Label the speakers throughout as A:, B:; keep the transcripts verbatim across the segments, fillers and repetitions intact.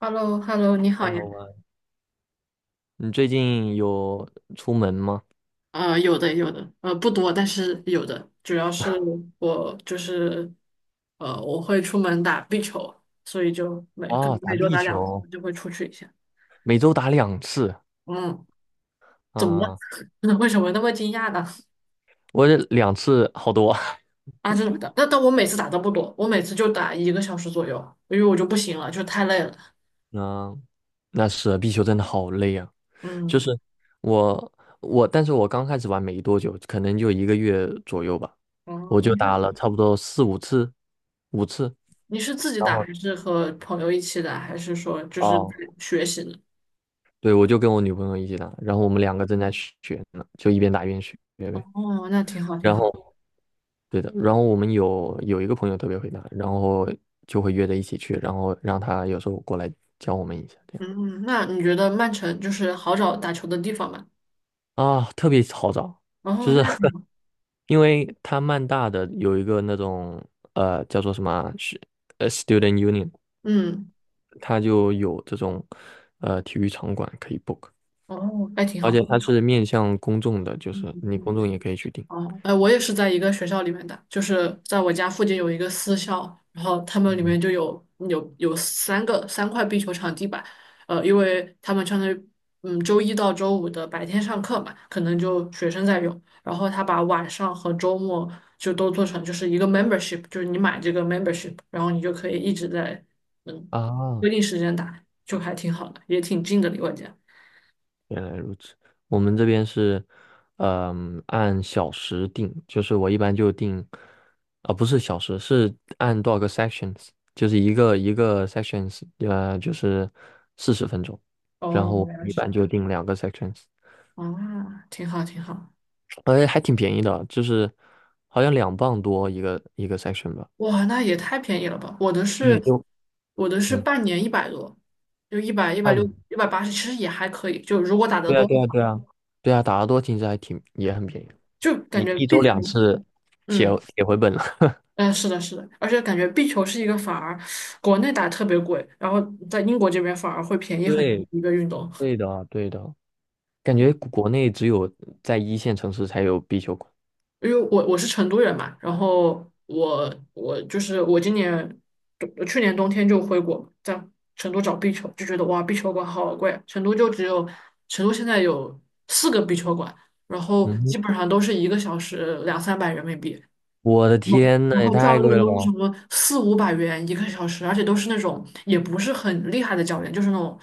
A: h e l l o h e l l o 你好呀。
B: Hello 啊，你最近有出门吗？
A: 呃，有的，有的，呃，不多，但是有的。主要是我就是，呃，我会出门打壁球，所以就每可能
B: 哦，打
A: 每周
B: 壁
A: 打两次，
B: 球，
A: 就会出去一下。
B: 每周打两次
A: 嗯，怎么了？
B: 啊，
A: 为什么那么惊讶呢？
B: 我这两次好多。
A: 啊，真的，但但我每次打都不多，我每次就打一个小时左右，因为我就不行了，就太累了。
B: 嗯，那是啊壁球真的好累啊。就
A: 嗯，
B: 是我我，但是我刚开始玩没多久，可能就一个月左右吧，
A: 哦，
B: 我就
A: 你是
B: 打了差不多四五次，五次。
A: 你是自己
B: 然
A: 打，
B: 后
A: 还是和朋友一起打，还是说就是
B: 哦，
A: 学习呢？
B: 对，我就跟我女朋友一起打，然后我们两个正在学呢，就一边打一边学呗。
A: 哦，那挺好，挺
B: 然
A: 好。
B: 后对的，然后我们有有一个朋友特别会打，然后就会约着一起去，然后让他有时候过来教我们一下，这样
A: 嗯，那你觉得曼城就是好找打球的地方吗？
B: 啊，特别好找，
A: 后
B: 就
A: 那
B: 是 因为他曼大的有一个那种呃叫做什么啊是呃 Student Union，
A: 嗯，
B: 他就有这种呃体育场馆可以 book，
A: 哦，还挺
B: 而
A: 好。
B: 且他是面向公众的，就是你公众也可以去订。
A: 哦，哎，我也是在一个学校里面的，就是在我家附近有一个私校，然后他们里
B: 嗯，
A: 面就有有有三个三块壁球场地板，呃，因为他们相当于嗯周一到周五的白天上课嘛，可能就学生在用，然后他把晚上和周末就都做成就是一个 membership，就是你买这个 membership，然后你就可以一直在嗯
B: 啊。
A: 规定时间打，就还挺好的，也挺近的离我家。
B: 原来如此，我们这边是，嗯，按小时定，就是我一般就定，啊、不是小时，是按多少个 sections，就是一个一个 sections，呃，就是四十分钟，然
A: 哦，
B: 后
A: 原来
B: 一
A: 是这
B: 般
A: 样
B: 就定两个 sections，
A: 啊，挺好挺好。
B: 哎，还挺便宜的，就是好像两磅多一个一个 section 吧。
A: 哇，那也太便宜了吧！我的
B: 对，
A: 是，
B: 就
A: 我的是
B: 嗯，
A: 半年一百多，就一百一百六
B: 按，
A: 一百八十其实也还可以。就如果打得
B: 对啊，
A: 多的
B: 对啊，
A: 话，
B: 对啊，对啊，打得多其实还挺也很便宜，
A: 就感
B: 你
A: 觉
B: 一
A: 壁
B: 周
A: 球，
B: 两次铁
A: 嗯，
B: 铁回本了。
A: 嗯，是的，是的，而且感觉壁球是一个反而国内打特别贵，然后在英国这边反而会便宜很多
B: 对，
A: 的一个运动。
B: 对的，对的。感觉国国内只有在一线城市才有壁球馆。
A: 因为我我是成都人嘛，然后我我就是我今年去年冬天就回国，在成都找壁球，就觉得哇，壁球馆好贵啊，成都就只有成都现在有四个壁球馆，然后
B: 嗯，
A: 基本上都是一个小时两三百人民币，
B: 我的天呐，
A: 然
B: 也
A: 后
B: 太
A: 教
B: 贵
A: 练
B: 了
A: 都是什
B: 吧！
A: 么四五百元一个小时，而且都是那种也不是很厉害的教练，就是那种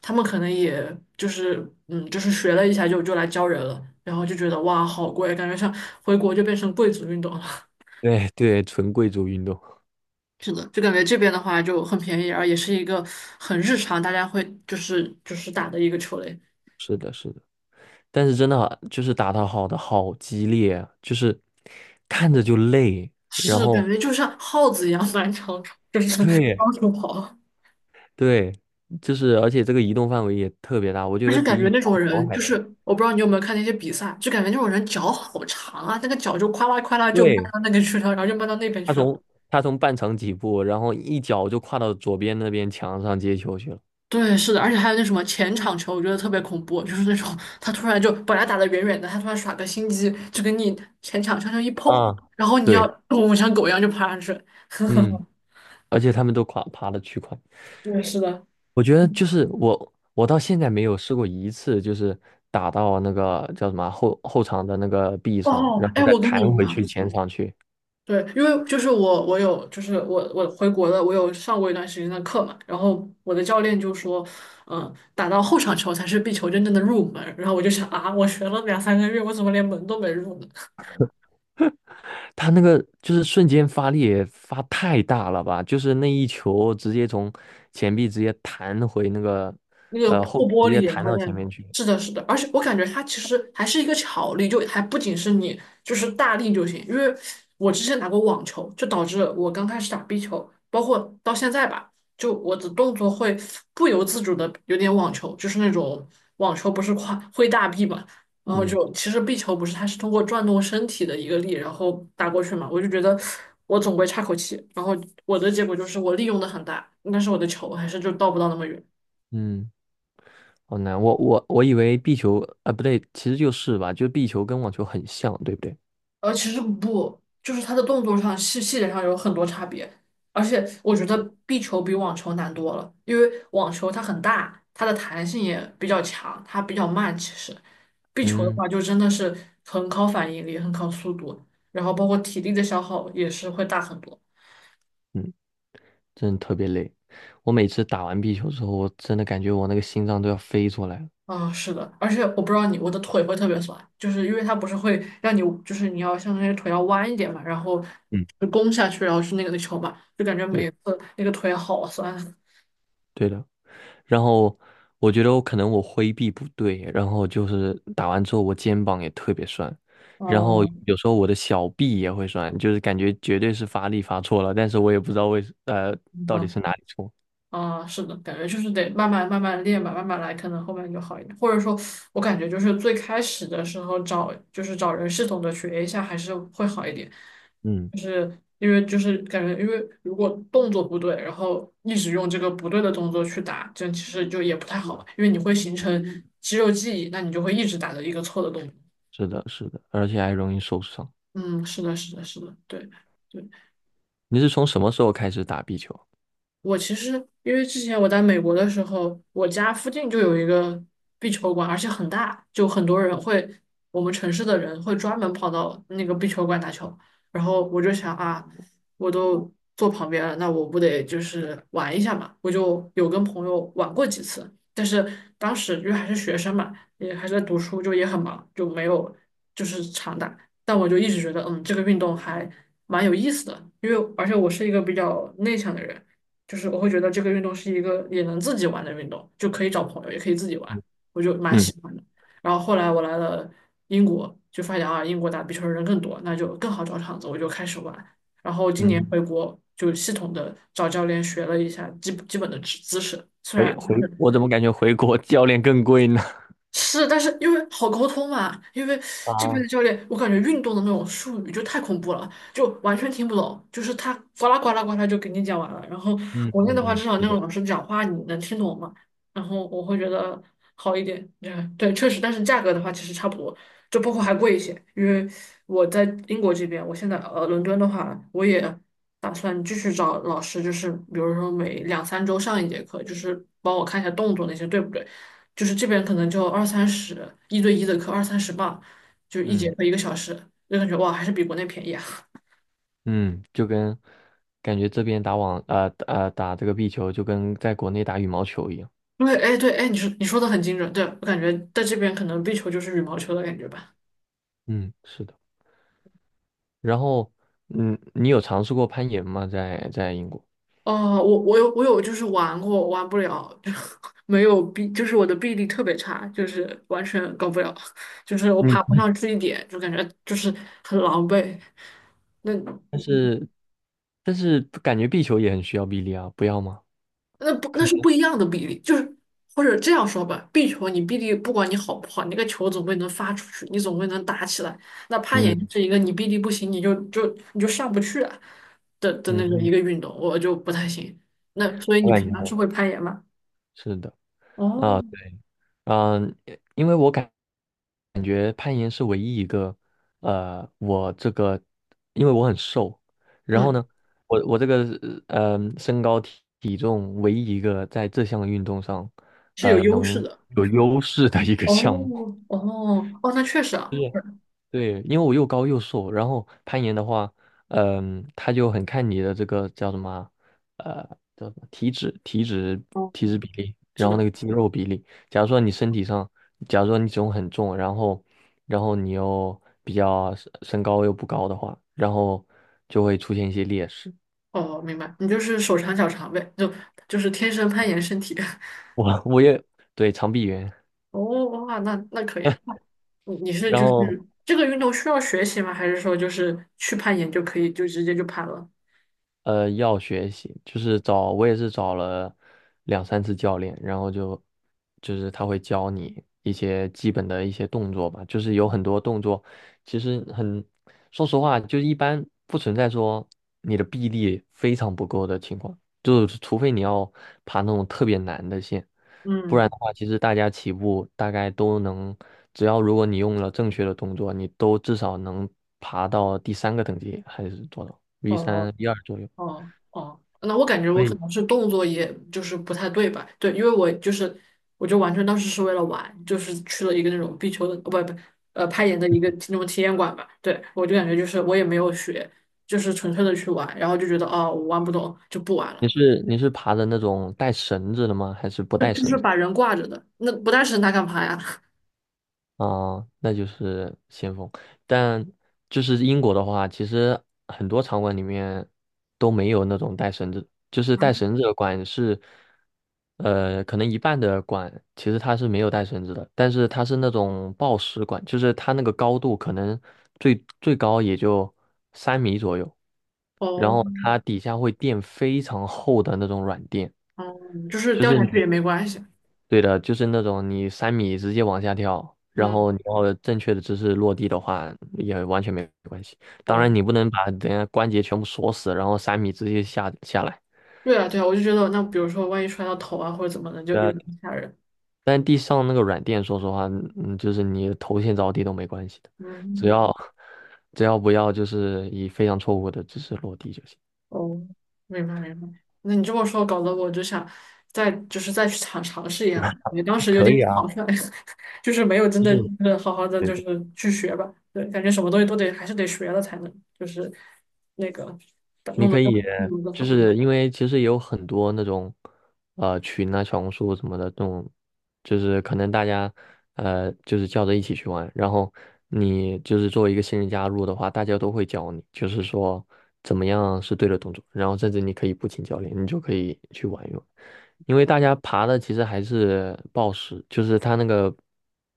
A: 他们可能也就是嗯，就是学了一下就就来教人了，然后就觉得哇好贵，感觉像回国就变成贵族运动了。
B: 对对，纯贵族运动，
A: 是的，就感觉这边的话就很便宜，而也是一个很日常大家会就是就是打的一个球类，
B: 但是真的好，就是打得好的好激烈啊，就是看着就累，然
A: 是感
B: 后
A: 觉就像耗子一样 满场就是
B: 对
A: 到处跑。
B: 对，就是而且这个移动范围也特别大，我觉
A: 而
B: 得
A: 且感
B: 比
A: 觉
B: 羽
A: 那
B: 毛
A: 种
B: 球
A: 人，
B: 还
A: 就是
B: 严
A: 我不知道你有没有看那些比赛，就感觉那种人脚好长啊，那个脚就夸啦夸啦就迈
B: 对，
A: 到那个去了，然后就迈到那边
B: 他
A: 去了。
B: 从他从半场起步，然后一脚就跨到左边那边墙上接球去了。
A: 对，是的，而且还有那什么前场球，我觉得特别恐怖，就是那种他突然就本来打得远远的，他突然耍个心机，就跟你前场悄悄一碰，
B: 啊，
A: 然后你要
B: 对，
A: 我像狗一样就爬上去。呵
B: 嗯，
A: 呵，
B: 而且他们都跨爬的巨快。
A: 对，是的。
B: 我觉得就是我，我到现在没有试过一次，就是打到那个叫什么啊后后场的那个壁上，
A: 哦，
B: 然后
A: 哎，
B: 再
A: 我跟你
B: 弹
A: 一
B: 回去
A: 样，
B: 前场去。
A: 对，因为就是我，我有，就是我，我回国了，我有上过一段时间的课嘛，然后我的教练就说，嗯，打到后场球才是壁球真正的入门，然后我就想啊，我学了两三个月，我怎么连门都没入呢？
B: 他那个就是瞬间发力也发太大了吧，就是那一球直接从前臂直接弹回那个
A: 那个
B: 呃
A: 破
B: 后壁，直
A: 玻
B: 接
A: 璃，然
B: 弹
A: 后
B: 到
A: 那
B: 前
A: 样。
B: 面去。
A: 是的，是的，而且我感觉它其实还是一个巧力，就还不仅是你就是大力就行。因为我之前打过网球，就导致我刚开始打壁球，包括到现在吧，就我的动作会不由自主的有点网球，就是那种网球不是跨挥大臂嘛，然后
B: 嗯
A: 就其实壁球不是它是通过转动身体的一个力，然后打过去嘛，我就觉得我总归差口气，然后我的结果就是我利用的很大，但是我的球还是就到不到那么远。
B: 嗯，好难。我我我以为壁球啊、呃不对，其实就是吧，就是壁球跟网球很像，对不对？
A: 呃，其实不，就是它的动作上细细节上有很多差别，而且我觉得壁球比网球难多了，因为网球它很大，它的弹性也比较强，它比较慢。其实壁球的
B: 嗯
A: 话，就真的是很考反应力，很考速度，然后包括体力的消耗也是会大很多。
B: 嗯。真的特别累。我每次打完壁球之后，我真的感觉我那个心脏都要飞出来了。
A: 啊、是的，而且我不知道你，我的腿会特别酸，就是因为它不是会让你，就是你要像那于腿要弯一点嘛，然后
B: 嗯，
A: 就弓下去，然后去那个球嘛，就感觉
B: 对，
A: 每次那个腿好酸。
B: 对的。然后我觉得我可能我挥臂不对，然后就是打完之后我肩膀也特别酸，然后
A: 哦，
B: 有时候我的小臂也会酸，就是感觉绝对是发力发错了，但是我也不知道为呃
A: 嗯
B: 到底
A: 哼
B: 是哪里错。
A: 啊，是的，感觉就是得慢慢慢慢练吧，慢慢来，可能后面就好一点。或者说，我感觉就是最开始的时候找，就是找人系统的学一下，还是会好一点。
B: 嗯，
A: 就是因为就是感觉，因为如果动作不对，然后一直用这个不对的动作去打，这样其实就也不太好吧，因为你会形成肌肉记忆，那你就会一直打的一个错的动作。
B: 是的，是的，而且还容易受伤。
A: 嗯，是的，是的，是的，对。对。
B: 你是从什么时候开始打壁球？
A: 我其实因为之前我在美国的时候，我家附近就有一个壁球馆，而且很大，就很多人会，我们城市的人会专门跑到那个壁球馆打球。然后我就想啊，我都坐旁边了，那我不得就是玩一下嘛？我就有跟朋友玩过几次，但是当时因为还是学生嘛，也还是在读书，就也很忙，就没有就是常打。但我就一直觉得，嗯，这个运动还蛮有意思的，因为而且我是一个比较内向的人。就是我会觉得这个运动是一个也能自己玩的运动，就可以找朋友，也可以自己玩，我就蛮
B: 嗯
A: 喜欢的。然后后来我来了英国，就发现啊，英国打壁球的人更多，那就更好找场子，我就开始玩。然后今年
B: 嗯，
A: 回国就系统的找教练学了一下基基本的知姿势，虽
B: 回
A: 然
B: 回，我怎么感觉回国 教练更贵呢？
A: 是，但是因为好沟通嘛，因为
B: 啊，
A: 这边的教练，我感觉运动的那种术语就太恐怖了，就完全听不懂，就是他呱啦呱啦呱啦就给你讲完了。然后
B: 嗯
A: 国内的
B: 嗯
A: 话，
B: 嗯，
A: 至少
B: 是
A: 那个
B: 的，
A: 老师讲话你能听懂嘛，然后我会觉得好一点。嗯，对，确实，但是价格的话其实差不多，就包括还贵一些，因为我在英国这边，我现在呃伦敦的话，我也打算继续找老师，就是比如说每两三周上一节课，就是帮我看一下动作那些对不对。就是这边可能就二三十一对一的课，二三十吧，就是一节
B: 嗯
A: 课一个小时，就感觉哇，还是比国内便宜啊。
B: 嗯，就跟感觉这边打网呃呃打这个壁球，就跟在国内打羽毛球一样。
A: 因为哎，对，哎，你说你说的很精准，对，我感觉在这边可能壁球就是羽毛球的感觉吧。
B: 嗯，是的。然后，嗯，你有尝试过攀岩吗？在在英国？
A: 哦，我我有我有就是玩过，玩不了，就 没有臂，就是我的臂力特别差，就是完全搞不了，就是我爬不
B: 你
A: 上去一点，就感觉就是很狼狈。那
B: 但是但是感觉壁球也很需要臂力啊，不要吗？
A: 那不那是不一样的比例，就是或者这样说吧，壁球你臂力不管你好不好，你那个球总归能发出去，你总归能打起来。那攀岩
B: 嗯
A: 是一个你臂力不行，你就就你就上不去啊的的
B: 嗯，
A: 那个一
B: 嗯，
A: 个运动，我就不太行。那所以
B: 我
A: 你
B: 感
A: 平常是
B: 觉
A: 会攀岩吗？
B: 是的啊，
A: 哦，
B: 对嗯，因为我感觉攀岩是唯一一个，呃，我这个，因为我很瘦，然后
A: 嗯，
B: 呢，我我这个呃身高体体重唯一一个在这项运动上，
A: 是有
B: 呃
A: 优势
B: 能
A: 的。
B: 有优势的一个项目。
A: 哦哦哦，那确实啊，
B: 对，因为我又高又瘦，然后攀岩的话，嗯，他就很看你的这个叫什么啊呃，叫什么体脂、体脂、
A: 哦，
B: 体脂比例，
A: 是
B: 然后
A: 的，
B: 那个肌肉比例。假如说你身体上，假如说你体重很重，然后，然后你又比较身身高又不高的话，然后就会出现一些劣势。
A: 哦，明白，你就是手长脚长呗，就就是天生攀岩身体。
B: 我我也对长臂猿，
A: 哦哇，那那可以。你你是
B: 然
A: 就
B: 后
A: 是这个运动需要学习吗？还是说就是去攀岩就可以就直接就攀了？
B: 呃，要学习，就是找，我也是找了两三次教练，然后就就是他会教你一些基本的一些动作吧，就是有很多动作，其实很，说实话，就一般不存在说你的臂力非常不够的情况，就是除非你要爬那种特别难的线，不然
A: 嗯，
B: 的话，其实大家起步大概都能，只要如果你用了正确的动作，你都至少能爬到第三个等级还是多少？V
A: 哦
B: 三 V 二左右。
A: 哦哦，那我感觉
B: 所
A: 我可
B: 以
A: 能是动作也就是不太对吧？对，因为我就是我就完全当时是为了玩，就是去了一个那种壁球的，不不呃攀岩的一个那种体验馆吧。对，我就感觉就是我也没有学，就是纯粹的去玩，然后就觉得哦我玩不懂就不玩
B: 你
A: 了，
B: 是你是爬的那种带绳子的吗？还是不
A: 就
B: 带
A: 就
B: 绳
A: 是
B: 子？
A: 把人挂着的，那不带绳它干嘛呀？
B: 啊、那就是先锋。但就是英国的话，其实很多场馆里面都没有那种带绳子，就是带绳子的馆是，呃，可能一半的馆其实它是没有带绳子的，但是它是那种抱石馆，就是它那个高度可能最最高也就三米左右，然
A: 哦，
B: 后它底下会垫非常厚的那种软垫。
A: 哦，就是
B: 就是
A: 掉下去
B: 你
A: 也没关系。
B: 对的，就是那种你三米直接往下跳，然
A: 嗯。
B: 后你要正确的姿势落地的话，也完全没关系。当
A: 哦，
B: 然，你不能把人家关节全部锁死，然后三米直接下下来。
A: 对啊，对啊，我就觉得，那比如说，万一摔到头啊，或者怎么的，就有
B: 呃，
A: 点吓人。
B: 但地上那个软垫，说实话，嗯，就是你头先着地都没关系的，只
A: 嗯，
B: 要只要不要就是以非常错误的姿势落地就行。
A: 哦，明白明白。那你这么说，搞得我就想再就是再去尝尝试一下。你当时有
B: 可
A: 点
B: 以啊，
A: 草率，就是没有真
B: 就
A: 的
B: 是。
A: 就是好好的就是去学吧。对，感觉什么东西都得还是得学了才能，就是那个
B: 你
A: 弄得
B: 可
A: 更
B: 以，
A: 弄得更
B: 就
A: 好。
B: 是因为其实有很多那种，呃，群啊、小红书什么的，这种就是可能大家，呃，就是叫着一起去玩，然后你就是作为一个新人加入的话，大家都会教你，就是说怎么样是对的动作，然后甚至你可以不请教练，你就可以去玩一玩。因为大家爬的其实还是抱石，就是它那个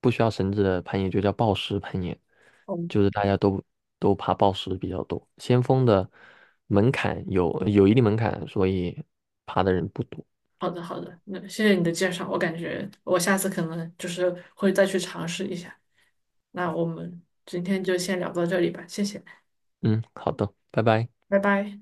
B: 不需要绳子的攀岩就叫抱石攀岩，就
A: 哦
B: 是大家都都爬抱石比较多。先锋的门槛有有一定门槛，所以爬的人不多。
A: 好的，好的，那谢谢你的介绍，我感觉我下次可能就是会再去尝试一下。那我们今天就先聊到这里吧，谢谢，
B: 嗯，好的，拜拜。
A: 拜拜。